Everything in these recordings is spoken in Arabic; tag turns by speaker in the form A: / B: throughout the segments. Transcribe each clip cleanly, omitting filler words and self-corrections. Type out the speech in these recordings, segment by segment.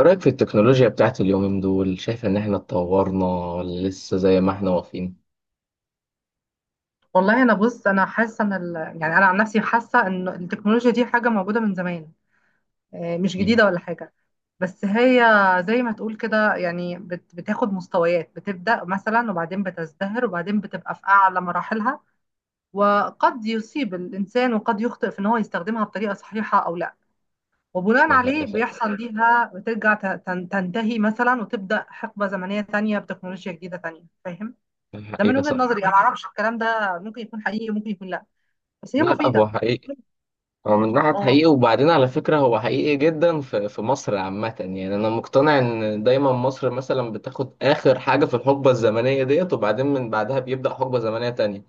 A: إيه رأيك في التكنولوجيا بتاعت اليومين دول شايف إن إحنا اتطورنا ولا لسه زي ما إحنا واقفين؟
B: والله انا بص انا حاسه ان يعني انا عن نفسي حاسه ان التكنولوجيا دي حاجه موجوده من زمان. آه، مش
A: مم.
B: جديده ولا حاجه. بس هي زي ما تقول كده، يعني بتاخد مستويات، بتبدا مثلا وبعدين بتزدهر وبعدين بتبقى في اعلى مراحلها. وقد يصيب الانسان وقد يخطئ في ان هو يستخدمها بطريقه صحيحه او لا. وبناء
A: ده-
B: عليه
A: ده-
B: بيحصل ليها بترجع تنتهي مثلا وتبدا حقبه زمنيه تانية بتكنولوجيا جديده تانية، فاهم؟
A: ده
B: ده من
A: حقيقة
B: وجهه
A: صح.
B: نظري انا، ما اعرفش الكلام ده ممكن يكون حقيقي ممكن يكون لا. بس هي
A: لا لا، هو
B: مفيدة.
A: حقيقي. هو من ناحية
B: اه،
A: حقيقي، وبعدين على فكرة هو حقيقي جدا في مصر عامة. يعني أنا مقتنع إن دايما مصر مثلا بتاخد آخر حاجة في الحقبة الزمنية ديت، وبعدين من بعدها بيبدأ حقبة زمنية تانية.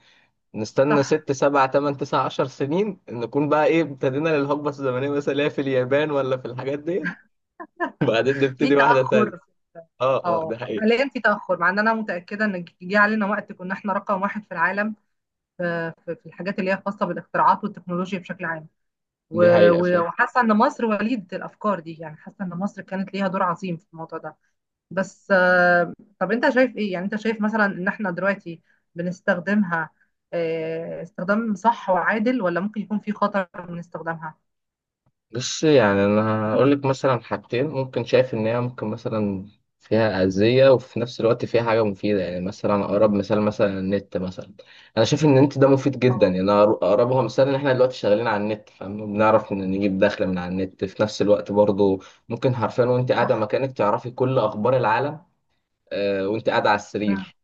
A: نستنى
B: صح.
A: ست سبع تمن تسع عشر سنين نكون بقى إيه ابتدينا للحقبة الزمنية مثلا اللي هي في اليابان ولا في الحاجات ديت. وبعدين
B: في
A: نبتدي واحدة تانية.
B: تأخر.
A: اه اه،
B: اه،
A: ده حقيقي.
B: حاليا في تأخر، مع ان انا متأكدة ان جه علينا وقت كنا احنا رقم واحد في العالم. في الحاجات اللي هي خاصة بالاختراعات والتكنولوجيا بشكل عام.
A: دي
B: و-
A: حقيقة
B: و-
A: فعلا.
B: وحاسة ان مصر وليدة الافكار دي، يعني حاسة ان مصر كانت ليها دور عظيم في الموضوع ده. بس طب انت شايف ايه؟ يعني انت شايف مثلا ان احنا دلوقتي بنستخدمها استخدام صح وعادل، ولا ممكن يكون في خطر من استخدامها؟
A: بس يعني أنا هقول لك مثلا حاجتين ممكن شايف إن هي ممكن مثلا فيها أذية، وفي نفس الوقت فيها حاجة مفيدة. يعني مثلا أقرب مثال مثلا النت مثلا، أنا شايف إن النت ده مفيد جدا. يعني
B: اه،
A: أنا أقربها مثال إن إحنا دلوقتي شغالين على النت فاهم، بنعرف إن نجيب دخل من على النت. في نفس الوقت برضه ممكن حرفيا وأنت قاعدة
B: صح.
A: مكانك تعرفي كل أخبار العالم. وأنت قاعدة على السرير.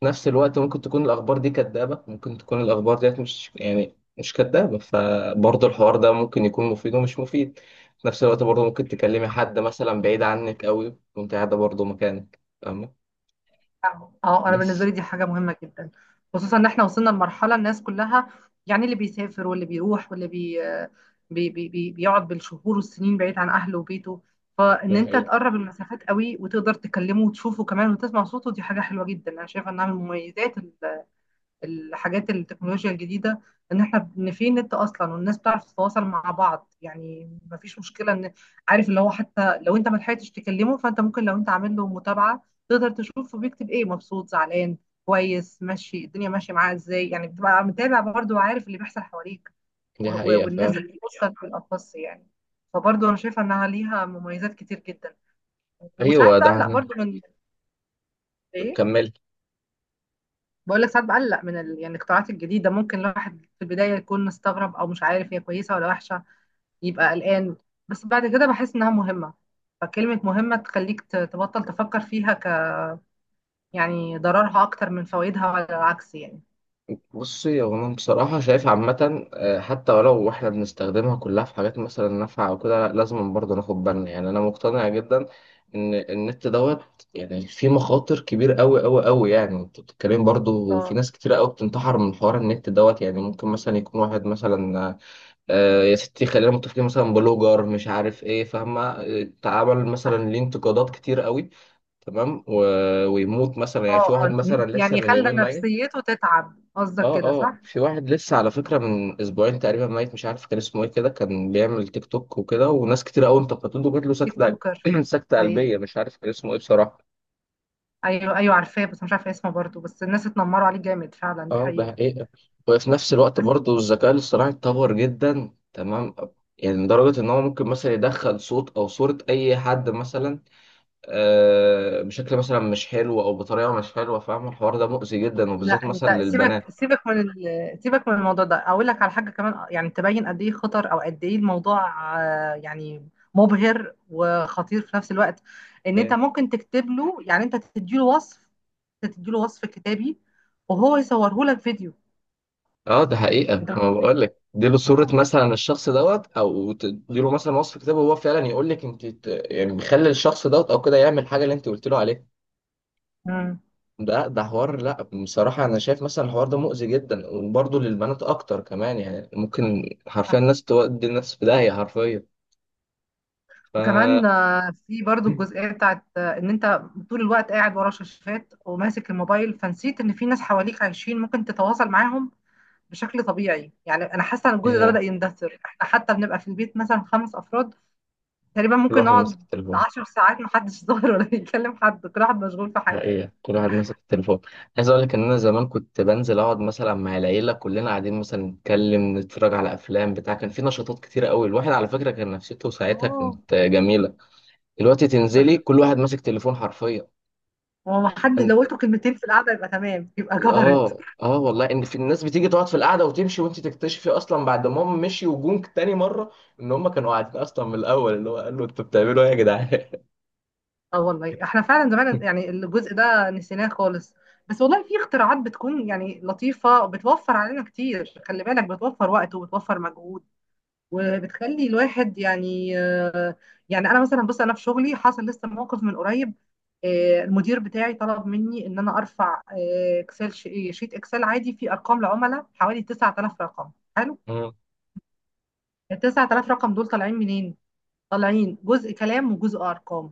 A: في نفس الوقت ممكن تكون الأخبار دي كدابة، ممكن تكون الأخبار ديت مش يعني مش كدابة، فبرضه الحوار ده ممكن يكون مفيد ومش مفيد. في نفس الوقت برضه ممكن تكلمي حد مثلا بعيد عنك قوي وأنت قاعدة برضه مكانك فاهمة.
B: اه، انا بالنسبه
A: بس
B: لي دي حاجه مهمه جدا، خصوصا ان احنا وصلنا لمرحله الناس كلها، يعني اللي بيسافر واللي بيروح واللي بي بي بي بي بيقعد بالشهور والسنين بعيد عن اهله وبيته. فان
A: دي
B: انت
A: حقيقة.
B: تقرب المسافات قوي وتقدر تكلمه وتشوفه كمان وتسمع صوته، دي حاجه حلوه جدا، انا شايفه انها من المميزات، الحاجات التكنولوجيا الجديدة. ان احنا ان في نت اصلا والناس بتعرف تتواصل مع بعض، يعني مفيش مشكلة ان عارف اللي هو حتى لو انت ما لحقتش تكلمه، فانت ممكن لو انت عامل له متابعة تقدر تشوف بيكتب ايه، مبسوط، زعلان، كويس، ماشي، الدنيا ماشية معاه ازاي، يعني بتبقى متابع برضه وعارف اللي بيحصل حواليك. و-
A: دي
B: و-
A: حقيقة
B: والناس
A: فعلا.
B: اللي بتوصل في الأخص يعني، فبرضه انا شايفة انها ليها مميزات كتير جدا. وساعات
A: أيوه ده
B: بقلق
A: أنا.
B: برضه من ايه،
A: كملي.
B: بقول لك ساعات بقلق من يعني الاختراعات الجديده، ممكن الواحد في البدايه يكون مستغرب او مش عارف هي كويسه ولا وحشه، يبقى قلقان. بس بعد كده بحس انها مهمه، فكلمه مهمه تخليك تبطل تفكر فيها، ك يعني ضررها اكتر من فوائدها ولا العكس يعني.
A: بصي هو انا بصراحه شايف عامه، حتى ولو احنا بنستخدمها كلها في حاجات مثلا نافعه او كده، لا لازم برضه ناخد بالنا. يعني انا مقتنع جدا ان النت دوت يعني فيه مخاطر كبيره قوي قوي قوي. يعني انت بتتكلم برضه في
B: اه،
A: ناس كتيره قوي بتنتحر من حوار النت دوت. يعني ممكن مثلا يكون واحد مثلا، يا ستي خلينا متفقين مثلا بلوجر مش عارف ايه فاهمه، اتعمل
B: صح.
A: مثلا ليه انتقادات كتير قوي. تمام ويموت مثلا. يعني
B: اه،
A: في واحد مثلا لسه
B: يعني
A: من
B: خلى
A: يومين ميت.
B: نفسيته تتعب قصدك
A: اه
B: كده،
A: اه،
B: صح؟
A: في واحد لسه على فكرة من اسبوعين تقريبا ميت، مش عارف كان اسمه ايه. كده كان بيعمل تيك توك وكده، وناس كتير قوي انتقدته، وجات له
B: ديك
A: سكتة
B: توكر.
A: سكتة قلبية،
B: ايوه.
A: مش عارف كان اسمه ايه بصراحة.
B: ايوه، ايوه، عارفاه بس مش عارفه اسمه برضه، بس الناس اتنمروا عليه جامد فعلا، دي
A: اه ده
B: حقيقه.
A: حقيقة. وفي نفس الوقت برضه الذكاء الاصطناعي اتطور جدا تمام. يعني لدرجة ان هو ممكن مثلا يدخل صوت او صورة اي حد مثلا، بشكل مثلا مش حلو او بطريقة مش حلوة فاهم. الحوار ده مؤذي جدا
B: لا،
A: وبالذات مثلا
B: انت سيبك
A: للبنات.
B: سيبك من سيبك من الموضوع ده، اقول لك على حاجه كمان يعني تبين قد ايه خطر او قد ايه الموضوع، يعني مبهر وخطير في نفس الوقت. ان انت ممكن تكتب له، يعني انت تديله وصف، تديله وصف كتابي، وهو يصوره لك فيديو.
A: اه ده حقيقة.
B: انت
A: ما
B: متخيل؟
A: بقول لك اديله صورة مثلا الشخص دوت، او تديله مثلا وصف كتاب وهو فعلا يقول لك انت يعني بيخلي الشخص دوت او كده يعمل حاجة اللي انت قلت له عليها.
B: مم.
A: ده حوار، لا بصراحة انا شايف مثلا الحوار ده مؤذي جدا، وبرضه للبنات اكتر كمان. يعني ممكن حرفيا
B: صح.
A: الناس تودي الناس في داهية حرفيا. ف
B: وكمان في برضو الجزئيه بتاعت ان انت طول الوقت قاعد ورا شاشات وماسك الموبايل، فنسيت ان في ناس حواليك عايشين ممكن تتواصل معاهم بشكل طبيعي. يعني انا حاسه ان الجزء ده بدأ
A: آه،
B: يندثر، احنا حتى بنبقى في البيت مثلا 5 افراد تقريبا
A: كل
B: ممكن
A: واحد ماسك
B: نقعد
A: التليفون.
B: 10 ساعات محدش ظاهر ولا يكلم حد، كل واحد مشغول في حاجه.
A: حقيقة كل واحد ماسك التليفون. عايز اقول لك ان انا زمان كنت بنزل اقعد مثلا مع العيلة، كلنا قاعدين مثلا نتكلم نتفرج على افلام بتاع، كان في نشاطات كتيرة قوي. الواحد على فكرة كان نفسيته ساعتها
B: اه،
A: كانت جميلة. دلوقتي تنزلي
B: صح.
A: كل واحد ماسك تليفون حرفيا.
B: هو ما حد لو
A: انت
B: قلتوا كلمتين في القعده يبقى تمام، يبقى جبرت.
A: اه اه، والله ان في الناس بتيجي تقعد في القعدة وتمشي، وانت تكتشفي اصلا بعد ما هم مشي وجونك تاني مرة ان هم كانوا قاعدين اصلا من الاول، اللي هو قالوا انتوا بتعملوا ايه يا جدعان.
B: اه، والله احنا فعلا زمان يعني الجزء ده نسيناه خالص. بس والله في اختراعات بتكون يعني لطيفه وبتوفر علينا كتير، خلي بالك بتوفر وقت وبتوفر مجهود وبتخلي الواحد يعني يعني انا مثلا بص انا في شغلي حصل لسه موقف من قريب. المدير بتاعي طلب مني ان انا ارفع اكسل ش- إيه، شيت اكسل عادي فيه ارقام لعملاء حوالي 9000 رقم. حلو.
A: مم.
B: ال 9000 رقم دول طالعين منين؟ طالعين جزء كلام وجزء ارقام،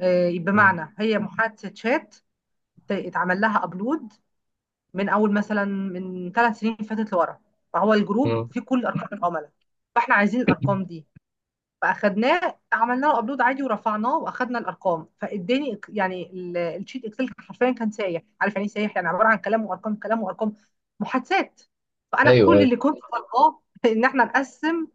A: مم.
B: بمعنى هي محادثه شات اتعمل لها ابلود من اول مثلا من 3 سنين فاتت لورا، فهو الجروب
A: مم.
B: فيه كل ارقام العملاء، فاحنا عايزين الارقام دي. فاخدناه عملنا له ابلود عادي ورفعناه واخدنا الارقام، فاداني يعني الشيت اكسل حرفيا كان سايح. عارف يعني ايه سايح؟ يعني عباره عن كلام وارقام، كلام وارقام، محادثات. فانا
A: ايوه
B: كل
A: ايوه.
B: اللي كنت طالباه ان احنا نقسم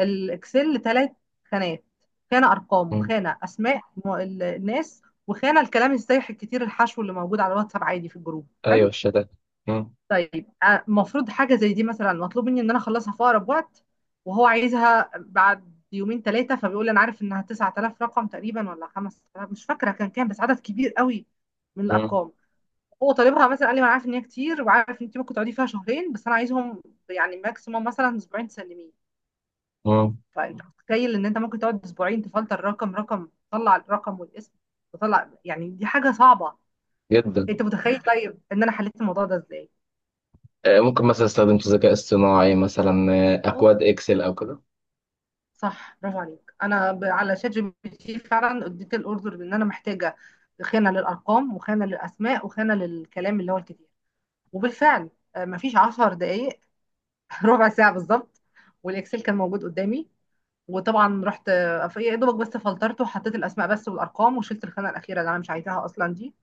B: الاكسل لثلاث خانات، خانه ارقام
A: مم.
B: وخانه اسماء الناس، وخانه الكلام السايح الكتير الحشو اللي موجود على الواتساب عادي في الجروب.
A: ايوه
B: حلو.
A: الشتات. مم.
B: طيب، المفروض حاجة زي دي مثلا مطلوب مني ان انا اخلصها في اقرب وقت، وهو عايزها بعد يومين ثلاثة. فبيقول انا عارف انها 9000 رقم تقريبا ولا 5000، مش فاكرة كان كام بس عدد كبير قوي من
A: مم.
B: الارقام. هو طالبها مثلا، قال لي ما انا عارف ان هي كتير وعارف ان انت ممكن تقعدي فيها شهرين، بس انا عايزهم يعني ماكسيموم مثلا اسبوعين تسلميه.
A: مم.
B: فانت متخيل ان انت ممكن تقعد اسبوعين تفلتر رقم رقم تطلع الرقم والاسم تطلع، يعني دي حاجة صعبة.
A: جدا.
B: انت متخيل طيب ان انا حليت الموضوع ده ازاي؟
A: ممكن مثلا استخدمت ذكاء اصطناعي مثلا، اكواد اكسل او كده.
B: صح، برافو عليك. انا على شات جي بي تي فعلا اديت الاوردر، لان انا محتاجه خانه للارقام وخانه للاسماء وخانه للكلام اللي هو الكتير. وبالفعل مفيش 10 دقايق، ربع ساعه بالظبط، والاكسل كان موجود قدامي. وطبعا رحت يا دوبك بس فلترته وحطيت الاسماء بس والارقام وشلت الخانه الاخيره اللي انا مش عايزاها اصلا دي،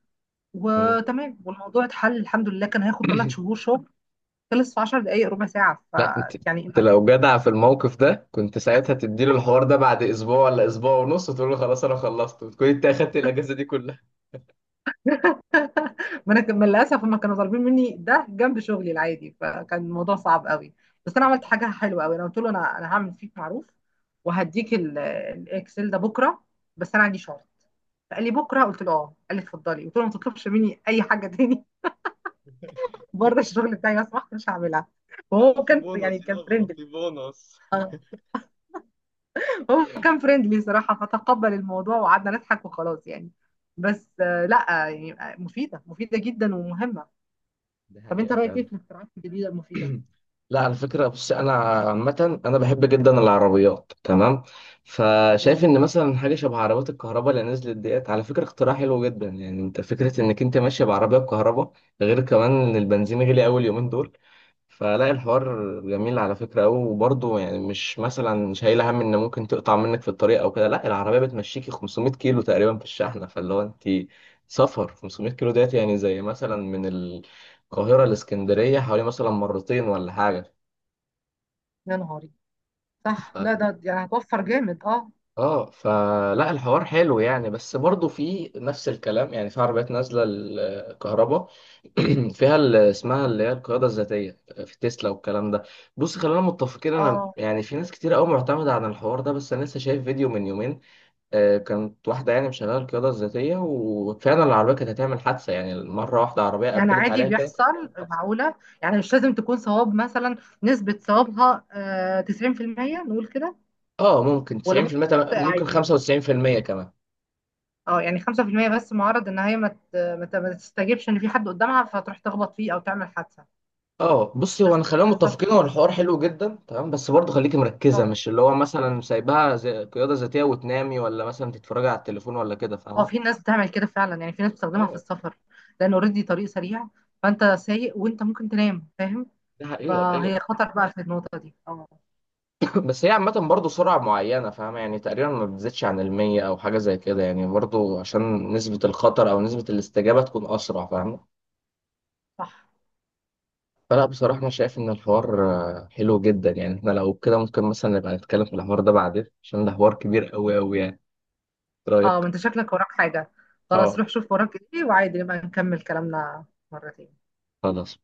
A: مم.
B: وتمام، والموضوع اتحل الحمد لله. كان هياخد 3 شهور شغل، خلص في 10 دقائق ربع ساعه،
A: لا انت، انت
B: فيعني
A: لو جدع في الموقف ده كنت ساعتها تديله الحوار ده بعد اسبوع ولا اسبوع ونص، وتقول له خلاص انا خلصت، وتكون انت اخدت الاجازه دي كلها.
B: ما انا كان- للاسف هم كانوا طالبين مني ده جنب شغلي العادي، فكان الموضوع صعب قوي. بس انا عملت حاجه حلوه قوي، انا قلت له انا هعمل فيك معروف وهديك الاكسل ده بكره، بس انا عندي شغل. فقال لي بكره؟ قلت له اه. قال لي اتفضلي. قلت له ما تطلبش مني اي حاجه تاني بره الشغل بتاعي لو سمحت، مش هعملها.
A: لا
B: وهو
A: وفي
B: كان يعني
A: بونص
B: كان
A: يابا،
B: فريندلي.
A: في بونص.
B: اه، هو كان فريندلي صراحه، فتقبل الموضوع وقعدنا نضحك وخلاص يعني. بس لا يعني مفيده مفيده جدا ومهمه.
A: ده
B: طب انت
A: حقيقة
B: رايك ايه
A: فعلا.
B: في الاختراعات الجديده المفيده؟
A: لا على فكرة بص، أنا عامة أنا بحب جدا العربيات تمام. فشايف
B: أوه.
A: إن مثلا حاجة شبه عربيات الكهرباء اللي نزلت ديت على فكرة اختراع حلو جدا. يعني أنت فكرة إنك أنت ماشي بعربية بكهرباء، غير كمان إن البنزين غلي أوي اليومين دول. فلا الحوار جميل على فكرة أوي. وبرضه يعني مش مثلا شايل هم إن ممكن تقطع منك في الطريق أو كده، لا العربية بتمشيكي 500 كيلو تقريبا في الشحنة. فاللي هو أنت سفر 500 كيلو ديت يعني زي مثلا من القاهرة لإسكندرية حوالي مثلا مرتين ولا حاجة.
B: يا نهاري. صح،
A: ف...
B: لا ده يعني هتوفر جامد، اه.
A: اه فلا الحوار حلو يعني. بس برضه في نفس الكلام، يعني في عربيات نازله الكهرباء فيها اللي اسمها اللي هي القياده الذاتيه في تسلا والكلام ده. بص خلينا متفقين، انا
B: اه،
A: يعني في ناس كتير قوي معتمده على الحوار ده، بس انا لسه شايف فيديو من يومين، كانت واحده يعني مشغله القياده الذاتيه وفعلا العربيه كانت هتعمل حادثه. يعني مره واحده عربيه
B: يعني
A: قبلت
B: عادي
A: عليها كده
B: بيحصل.
A: كانت هتعمل حادثه.
B: معقولة، يعني مش لازم تكون صواب مثلا، نسبة صوابها 90%، نقول كده.
A: اه ممكن
B: ولا
A: 90%
B: ممكن تخطئ
A: ممكن
B: عادي.
A: 95% كمان.
B: اه يعني 5%، بس معرض ان هي ما تستجيبش ان في حد قدامها فتروح تخبط فيه او تعمل حادثة.
A: اه بصي هو
B: بس
A: انا خلينا
B: آه،
A: متفقين، هو الحوار حلو جدا تمام، بس برضه خليكي مركزه
B: اه،
A: مش اللي هو مثلا سايبها زي قياده ذاتيه وتنامي ولا مثلا تتفرجي على التليفون ولا كده فاهمه.
B: في ناس بتعمل كده فعلا، يعني في ناس بتستخدمها في
A: اه
B: السفر لان اوريدي طريق سريع، فانت سايق وانت ممكن تنام، فاهم؟
A: ده حقيقة ايوه.
B: فهي خطر بقى في النقطة دي، اه.
A: بس هي عامه برضه سرعه معينه فاهمه، يعني تقريبا ما بتزيدش عن المية او حاجه زي كده، يعني برضه عشان نسبه الخطر او نسبه الاستجابه تكون اسرع فاهمه.
B: صح.
A: فلا بصراحه انا شايف ان الحوار حلو جدا. يعني احنا لو كده ممكن مثلا نبقى نتكلم في الحوار ده بعدين، عشان ده حوار كبير قوي قوي يعني. إيه
B: اه، ما
A: رايك؟
B: انت شكلك وراك حاجة، خلاص
A: اه
B: روح شوف وراك ايه وعادي نبقى نكمل كلامنا مرة تاني.
A: خلاص.